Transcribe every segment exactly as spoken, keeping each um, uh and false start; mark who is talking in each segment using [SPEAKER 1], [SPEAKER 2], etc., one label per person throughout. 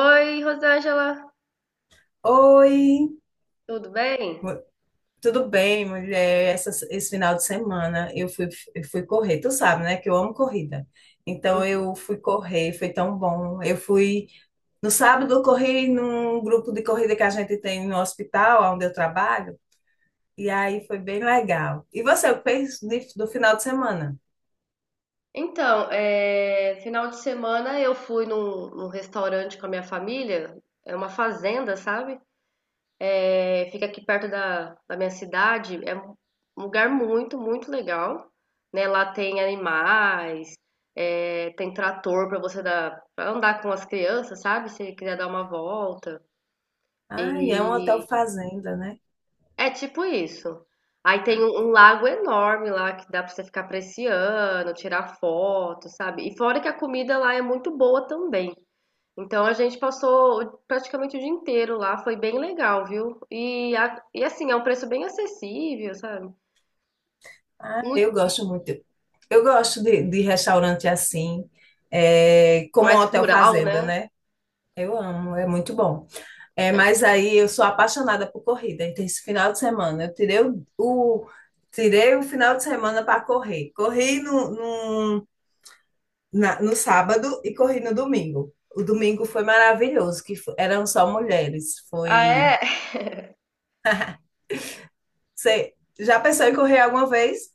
[SPEAKER 1] Oi, Rosângela,
[SPEAKER 2] Oi,
[SPEAKER 1] tudo bem?
[SPEAKER 2] mu- tudo bem, mulher? Essa, esse final de semana eu fui, eu fui correr, tu sabe, né, que eu amo corrida. Então
[SPEAKER 1] Hum.
[SPEAKER 2] eu fui correr, foi tão bom. Eu fui, no sábado eu corri num grupo de corrida que a gente tem no hospital, onde eu trabalho, e aí foi bem legal. E você, o que fez de- do final de semana?
[SPEAKER 1] Então, é, final de semana eu fui num, num restaurante com a minha família, é uma fazenda, sabe? É, fica aqui perto da, da minha cidade, é um lugar muito, muito legal, né? Lá tem animais, é, tem trator para você dar, pra andar com as crianças, sabe? Se quiser dar uma volta.
[SPEAKER 2] Ai, é um hotel
[SPEAKER 1] E
[SPEAKER 2] fazenda, né?
[SPEAKER 1] É tipo isso. Aí tem um, um lago enorme lá que dá pra você ficar apreciando, tirar foto, sabe? E fora que a comida lá é muito boa também. Então a gente passou praticamente o dia inteiro lá, foi bem legal, viu? E, a- e assim, é um preço bem acessível, sabe?
[SPEAKER 2] Ah,
[SPEAKER 1] Muito
[SPEAKER 2] eu gosto muito. Eu gosto de, de restaurante assim, é, como um
[SPEAKER 1] mais
[SPEAKER 2] hotel
[SPEAKER 1] rural,
[SPEAKER 2] fazenda,
[SPEAKER 1] né?
[SPEAKER 2] né? Eu amo, é muito bom. É, mas aí eu sou apaixonada por corrida. Então, esse final de semana, eu tirei o, o- tirei o final de semana para correr. Corri no, no, na- no sábado e corri no domingo. O domingo foi maravilhoso, que fo- eram só mulheres.
[SPEAKER 1] Ah,
[SPEAKER 2] Foi.
[SPEAKER 1] é?
[SPEAKER 2] Você já pensou em correr alguma vez?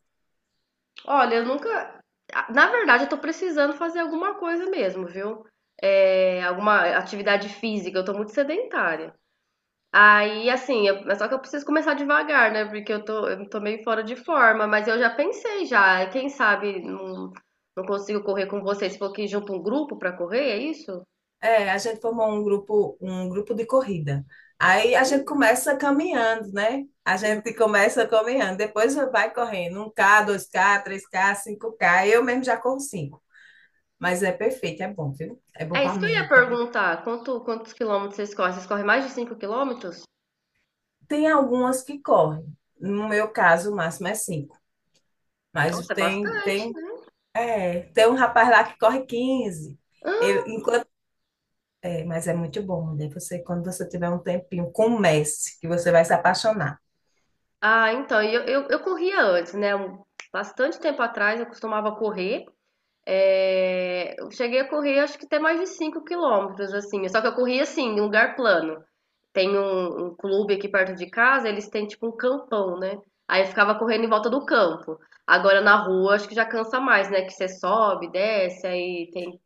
[SPEAKER 1] Olha, eu nunca. Na verdade, eu tô precisando fazer alguma coisa mesmo, viu? É, alguma atividade física, eu tô muito sedentária. Aí, assim, eu- mas só que eu preciso começar devagar, né? Porque eu tô, eu tô meio fora de forma, mas eu já pensei já. Quem sabe não, não consigo correr com vocês. Você falou que junta um grupo pra correr, é isso?
[SPEAKER 2] É, a gente formou um grupo, um grupo de corrida. Aí a gente começa caminhando, né? A gente começa caminhando, depois vai correndo um k, dois k, três k, cinco k. Eu mesmo já corro cinco, mas é perfeito, é bom, viu? É bom
[SPEAKER 1] É
[SPEAKER 2] para
[SPEAKER 1] isso que eu ia
[SPEAKER 2] mente. É bom.
[SPEAKER 1] perguntar. Quanto, quantos quilômetros vocês correm? Vocês correm mais de cinco quilômetros?
[SPEAKER 2] Tem algumas que correm. No meu caso, o máximo é cinco. Mas
[SPEAKER 1] Nossa, é
[SPEAKER 2] tem
[SPEAKER 1] bastante,
[SPEAKER 2] tem
[SPEAKER 1] né?
[SPEAKER 2] é, tem um rapaz lá que corre quinze. Ele, enquanto é, mas é muito bom, mulher. Você, quando você tiver um tempinho, comece, que você vai se apaixonar.
[SPEAKER 1] Ah, então, e eu, eu, eu corria antes, né? Um- Bastante tempo atrás eu costumava correr. É, eu cheguei a correr, acho que até mais de cinco quilômetros, assim. Só que eu corri assim, em lugar plano. Tem um, um clube aqui perto de casa, eles têm tipo um campão, né? Aí eu ficava correndo em volta do campo. Agora na rua, acho que já cansa mais, né? Que você sobe, desce, aí tem,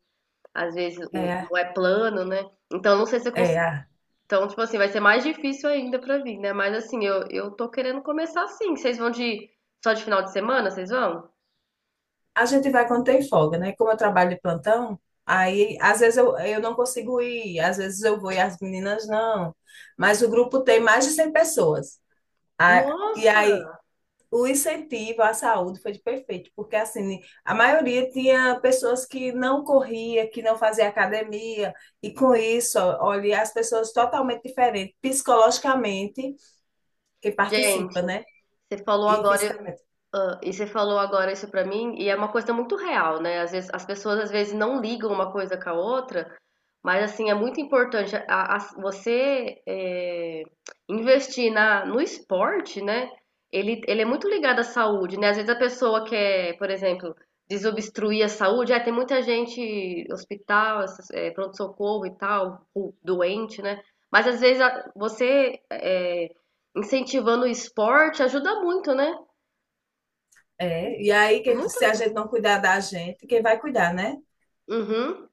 [SPEAKER 1] às vezes, o-
[SPEAKER 2] É,
[SPEAKER 1] não é plano, né? Então não sei se eu cons...
[SPEAKER 2] é.
[SPEAKER 1] Então, tipo assim, vai ser mais difícil ainda pra vir, né? Mas assim, eu, eu tô querendo começar assim. Vocês vão de só de final de semana, vocês vão?
[SPEAKER 2] A gente vai quando tem folga, né? Como eu trabalho de plantão, aí às vezes eu, eu não consigo ir, às vezes eu vou e as meninas não. Mas o grupo tem mais de cem pessoas. A- e
[SPEAKER 1] Nossa!
[SPEAKER 2] aí o incentivo à saúde foi perfeito, porque assim, a maioria tinha pessoas que não corria, que não fazia academia, e com isso, olha, as pessoas totalmente diferentes, psicologicamente, que
[SPEAKER 1] Gente,
[SPEAKER 2] participa, né?
[SPEAKER 1] você falou
[SPEAKER 2] E
[SPEAKER 1] agora,
[SPEAKER 2] fisicamente.
[SPEAKER 1] Hã, e você falou agora isso pra mim, e é uma coisa muito real, né, às vezes as pessoas, às vezes, não ligam uma coisa com a outra, mas, assim, é muito importante a as você, eh, investir na no esporte, né, ele ele é muito ligado à saúde, né, às vezes a pessoa quer, por exemplo, desobstruir a saúde, ah, tem muita gente hospital, essas, eh, pronto-socorro e tal, o doente, né, mas às vezes a você, eh, incentivando o esporte ajuda muito, né,
[SPEAKER 2] É, e aí, quem,
[SPEAKER 1] muita
[SPEAKER 2] se a
[SPEAKER 1] coisa.
[SPEAKER 2] gente não cuidar da gente, quem vai cuidar, né?
[SPEAKER 1] Uhum.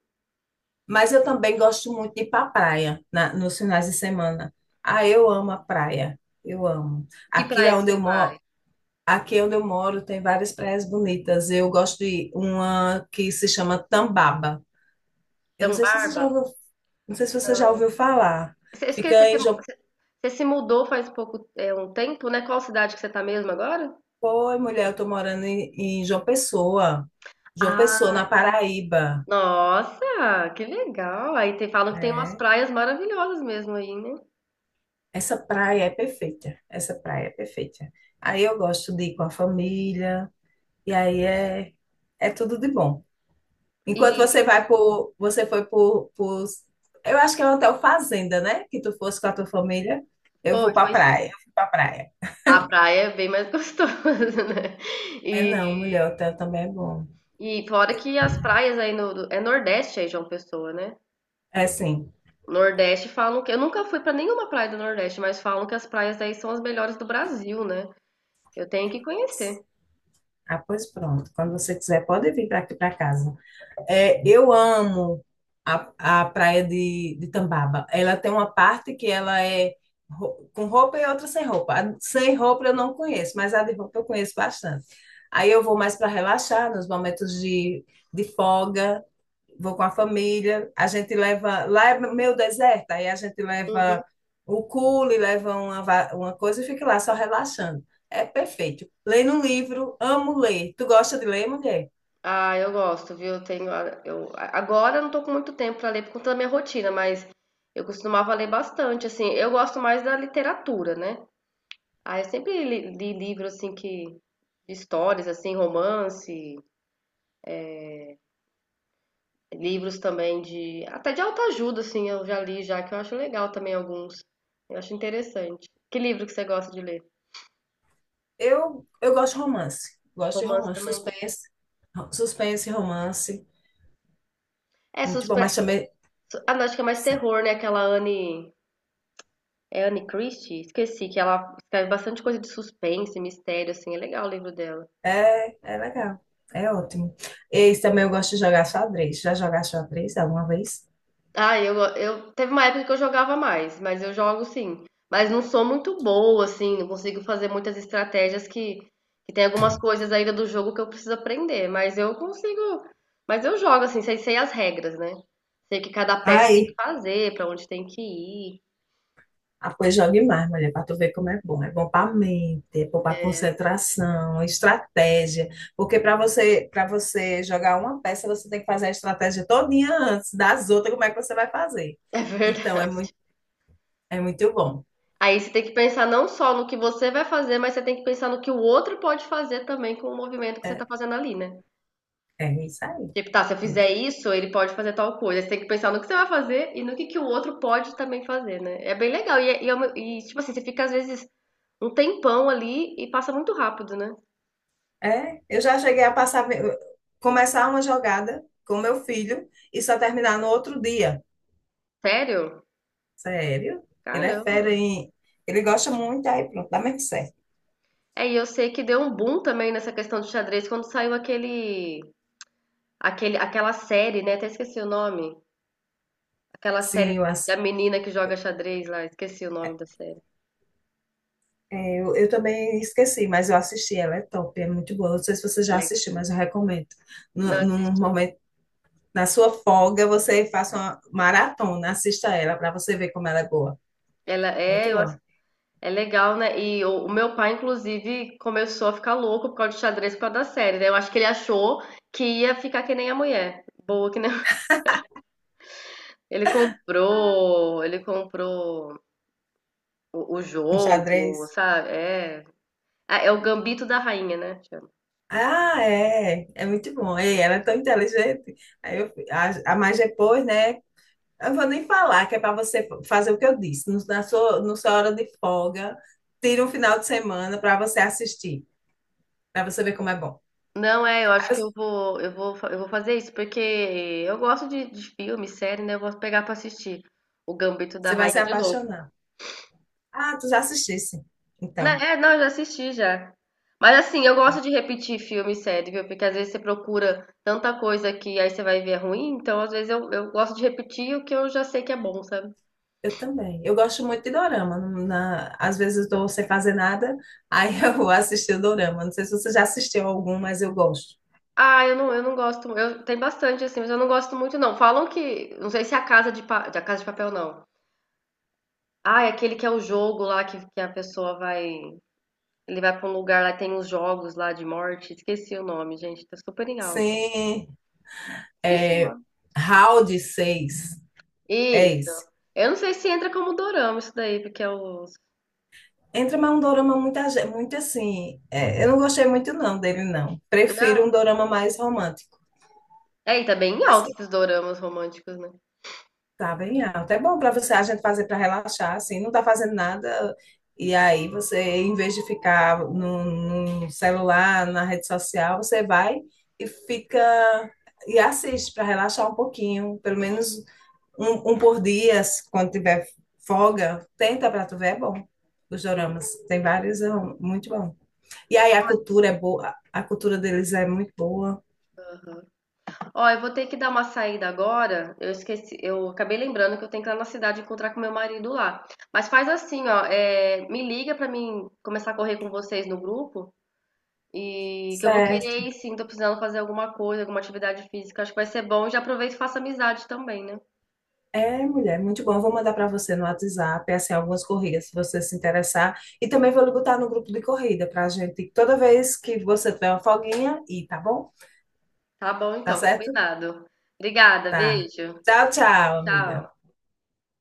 [SPEAKER 2] Mas eu também gosto muito de ir para a praia na- nos finais de semana. Ah, eu amo a praia. Eu amo.
[SPEAKER 1] Que
[SPEAKER 2] Aqui é
[SPEAKER 1] praia que
[SPEAKER 2] onde eu
[SPEAKER 1] você vai?
[SPEAKER 2] moro, aqui é onde eu moro tem várias praias bonitas. Eu gosto de uma que se chama Tambaba. Eu não sei se você já
[SPEAKER 1] Tambarba?
[SPEAKER 2] ouviu, não sei se você já ouviu falar.
[SPEAKER 1] Você- eu esqueci,
[SPEAKER 2] Fica
[SPEAKER 1] você,
[SPEAKER 2] em João,
[SPEAKER 1] você- você se mudou faz pouco, é, um tempo, né? Qual cidade que você tá mesmo agora?
[SPEAKER 2] pô, mulher, eu tô morando em, em João Pessoa. João Pessoa,
[SPEAKER 1] Ah,
[SPEAKER 2] na Paraíba.
[SPEAKER 1] nossa, que legal. Aí tem, falam que tem umas
[SPEAKER 2] É.
[SPEAKER 1] praias maravilhosas mesmo aí, né?
[SPEAKER 2] Essa praia é perfeita. Essa praia é perfeita. Aí eu gosto de ir com a família. E aí é, é tudo de bom. Enquanto
[SPEAKER 1] E,
[SPEAKER 2] você vai por, você foi por, por, eu acho que é um hotel fazenda, né? Que tu fosse com a tua família, eu vou
[SPEAKER 1] foi,
[SPEAKER 2] pra
[SPEAKER 1] foi sim.
[SPEAKER 2] praia, eu fui pra praia.
[SPEAKER 1] A praia é bem mais gostosa, né?
[SPEAKER 2] É
[SPEAKER 1] E,
[SPEAKER 2] não, mulher, hotel também é bom.
[SPEAKER 1] e fora que as praias aí no, do- é Nordeste aí, João Pessoa, né?
[SPEAKER 2] É sim.
[SPEAKER 1] Nordeste falam que, eu nunca fui pra nenhuma praia do Nordeste, mas falam que as praias aí são as melhores do Brasil, né? Eu tenho que conhecer.
[SPEAKER 2] Ah, pois pronto. Quando você quiser, pode vir para aqui para casa. É, eu amo a, a praia de, de Tambaba. Ela tem uma parte que ela é ro- com roupa e outra sem roupa. A sem roupa eu não conheço, mas a de roupa eu conheço bastante. Aí eu vou mais para relaxar nos momentos de, de folga, vou com a família. A gente leva. Lá é meio deserto, aí a gente
[SPEAKER 1] Uhum.
[SPEAKER 2] leva o cule, leva uma, va- uma coisa e fica lá só relaxando. É perfeito. Lendo um livro, amo ler. Tu gosta de ler, mulher?
[SPEAKER 1] Ah, eu gosto, viu? Eu tenho, a- eu, a- Agora eu não tô com muito tempo pra ler por conta da minha rotina, mas eu costumava ler bastante, assim. Eu gosto mais da literatura, né? Ah, eu sempre li, li livros assim que de histórias, assim, romance, livros também de até de autoajuda, assim, eu já li já que eu acho legal também alguns. Eu acho interessante. Que livro que você gosta de ler?
[SPEAKER 2] Eu, eu gosto de romance. Gosto de
[SPEAKER 1] Romance
[SPEAKER 2] romance.
[SPEAKER 1] também?
[SPEAKER 2] Suspense, suspense, romance.
[SPEAKER 1] É
[SPEAKER 2] Muito bom,
[SPEAKER 1] suspe...
[SPEAKER 2] mas também
[SPEAKER 1] su- Ah, não, acho que é mais
[SPEAKER 2] sim,
[SPEAKER 1] terror, né? Aquela Anne É Anne Christie? Esqueci que ela escreve bastante coisa de suspense, mistério, assim. É legal o livro dela.
[SPEAKER 2] é, é legal. É ótimo. E também eu gosto de jogar xadrez. Já jogaste xadrez alguma vez?
[SPEAKER 1] Ah, eu, eu teve uma época que eu jogava mais, mas eu jogo sim. Mas não sou muito boa, assim, não consigo fazer muitas estratégias que, que tem algumas coisas ainda do jogo que eu preciso aprender. Mas eu consigo. Mas eu jogo, assim, sei, sei as regras, né? Sei o que cada peça tem que
[SPEAKER 2] Ai,
[SPEAKER 1] fazer, pra onde tem que ir.
[SPEAKER 2] ah, pois jogue mais, mulher, para tu ver como é bom. É bom para mente, é bom para concentração, estratégia. Porque para você, para você jogar uma peça, você tem que fazer a estratégia todinha antes das outras, como é que você vai fazer.
[SPEAKER 1] É
[SPEAKER 2] Então, é
[SPEAKER 1] verdade.
[SPEAKER 2] muito, é muito bom.
[SPEAKER 1] Aí você tem que pensar não só no que você vai fazer, mas você tem que pensar no que o outro pode fazer também com o movimento que você
[SPEAKER 2] É,
[SPEAKER 1] tá fazendo ali, né?
[SPEAKER 2] é isso aí.
[SPEAKER 1] Tipo, tá, se eu fizer
[SPEAKER 2] Muito
[SPEAKER 1] isso, ele pode fazer tal coisa. Você tem que pensar no que você vai fazer e no que, que o outro pode também fazer, né? É bem legal. E, é- e, é uma- e, tipo assim, você fica às vezes um tempão ali e passa muito rápido, né?
[SPEAKER 2] é, eu já cheguei a passar, começar uma jogada com meu filho e só terminar no outro dia.
[SPEAKER 1] Sério?
[SPEAKER 2] Sério? Ele é fera
[SPEAKER 1] Caramba.
[SPEAKER 2] em, ele gosta muito, aí pronto, dá mesmo certo.
[SPEAKER 1] É, e eu sei que deu um boom também nessa questão do xadrez quando saiu aquele, aquele, aquela série, né? Até esqueci o nome. Aquela série
[SPEAKER 2] Sim, eu,
[SPEAKER 1] da
[SPEAKER 2] ass-
[SPEAKER 1] menina que joga xadrez lá, esqueci o nome da série.
[SPEAKER 2] é, eu, eu também esqueci, mas eu assisti, ela é top, é muito boa. Não sei se você já
[SPEAKER 1] Legal.
[SPEAKER 2] assistiu, mas eu recomendo.
[SPEAKER 1] Não
[SPEAKER 2] No, num
[SPEAKER 1] assisti.
[SPEAKER 2] momento, na sua folga, você faça uma maratona, assista ela para você ver como ela é boa.
[SPEAKER 1] Ela
[SPEAKER 2] Muito
[SPEAKER 1] é, eu ass-
[SPEAKER 2] boa.
[SPEAKER 1] É legal, né? E o, o meu pai, inclusive, começou a ficar louco por causa de xadrez por causa da série, né? Eu acho que ele achou que ia ficar que nem a mulher. Boa que nem. Ele comprou, ele comprou o, o
[SPEAKER 2] Um
[SPEAKER 1] jogo,
[SPEAKER 2] xadrez.
[SPEAKER 1] sabe? É. Ah, é o Gambito da Rainha, né? Chama.
[SPEAKER 2] Ah, é, é muito bom. Ei, ela é tão inteligente. Aí eu, a, a mais depois, né? Eu vou nem falar, que é para você fazer o que eu disse. No, na sua, no sua hora de folga, tira um final de semana para você assistir, para você ver como é bom.
[SPEAKER 1] Não, é, eu
[SPEAKER 2] Aí
[SPEAKER 1] acho que
[SPEAKER 2] você
[SPEAKER 1] eu vou, eu vou, fa- eu vou fazer isso, porque eu gosto de, de filme, série, né? Eu vou pegar pra assistir o Gambito da
[SPEAKER 2] você vai se
[SPEAKER 1] Rainha de novo.
[SPEAKER 2] apaixonar. Ah, tu já assistisse.
[SPEAKER 1] Né,
[SPEAKER 2] Então,
[SPEAKER 1] é, não, eu já assisti já. Mas assim, eu gosto de repetir filme e série, viu? Porque às vezes você procura tanta coisa que aí você vai ver é ruim, então às vezes eu, eu gosto de repetir o que eu já sei que é bom, sabe?
[SPEAKER 2] eu também. Eu gosto muito de dorama. Não- Na, às vezes eu estou sem fazer nada, aí eu vou assistir o dorama. Não sei se você já assistiu algum, mas eu gosto.
[SPEAKER 1] Ah, eu não, eu não gosto. Eu tem bastante assim, mas eu não gosto muito não. Falam que, não sei se é a Casa de Pa- da Casa de Papel não. Ah, é aquele que é o jogo lá que, que a pessoa vai, ele vai pra um lugar lá tem os jogos lá de morte. Esqueci o nome, gente, tá super em alta.
[SPEAKER 2] Sim.
[SPEAKER 1] Esqueci o
[SPEAKER 2] É,
[SPEAKER 1] nome.
[SPEAKER 2] Round seis, é
[SPEAKER 1] Isso.
[SPEAKER 2] esse.
[SPEAKER 1] Eu não sei se entra como dorama isso daí, porque é o
[SPEAKER 2] Entra mais um dorama muito, age- muito assim. É, eu não gostei muito não dele, não. Prefiro
[SPEAKER 1] Não.
[SPEAKER 2] um dorama mais romântico.
[SPEAKER 1] É, e tá bem alto
[SPEAKER 2] Assim,
[SPEAKER 1] esses doramas românticos, né?
[SPEAKER 2] tá bem alto. É bom para você, a gente fazer para relaxar, assim, não tá fazendo nada. E aí você, em vez de ficar no, no celular, na rede social, você vai e fica e assiste para relaxar um pouquinho. Pelo
[SPEAKER 1] Hum,
[SPEAKER 2] menos um, um por dia, se- quando tiver folga, tenta pra tu ver, é bom. Os
[SPEAKER 1] sim.
[SPEAKER 2] doramas. Tem vários, é um- muito bom. E aí a cultura é boa, a cultura deles é muito boa.
[SPEAKER 1] Ó, eu vou ter que dar uma saída agora. Eu esqueci, eu acabei lembrando que eu tenho que ir lá na cidade encontrar com meu marido lá. Mas faz assim, ó, é, me liga pra mim começar a correr com vocês no grupo e que eu vou
[SPEAKER 2] Certo.
[SPEAKER 1] querer ir sim, tô precisando fazer alguma coisa, alguma atividade física. Acho que vai ser bom. Já aproveito e faço amizade também, né?
[SPEAKER 2] É, mulher, muito bom. Eu vou mandar pra você no WhatsApp, assim, algumas corridas, se você se interessar. E também vou lhe botar no grupo de corrida pra gente, toda vez que você tiver uma folguinha, e tá bom?
[SPEAKER 1] Tá bom,
[SPEAKER 2] Tá
[SPEAKER 1] então,
[SPEAKER 2] certo?
[SPEAKER 1] combinado. Obrigada,
[SPEAKER 2] Tá.
[SPEAKER 1] beijo.
[SPEAKER 2] Tchau, tchau, amiga.
[SPEAKER 1] Tchau.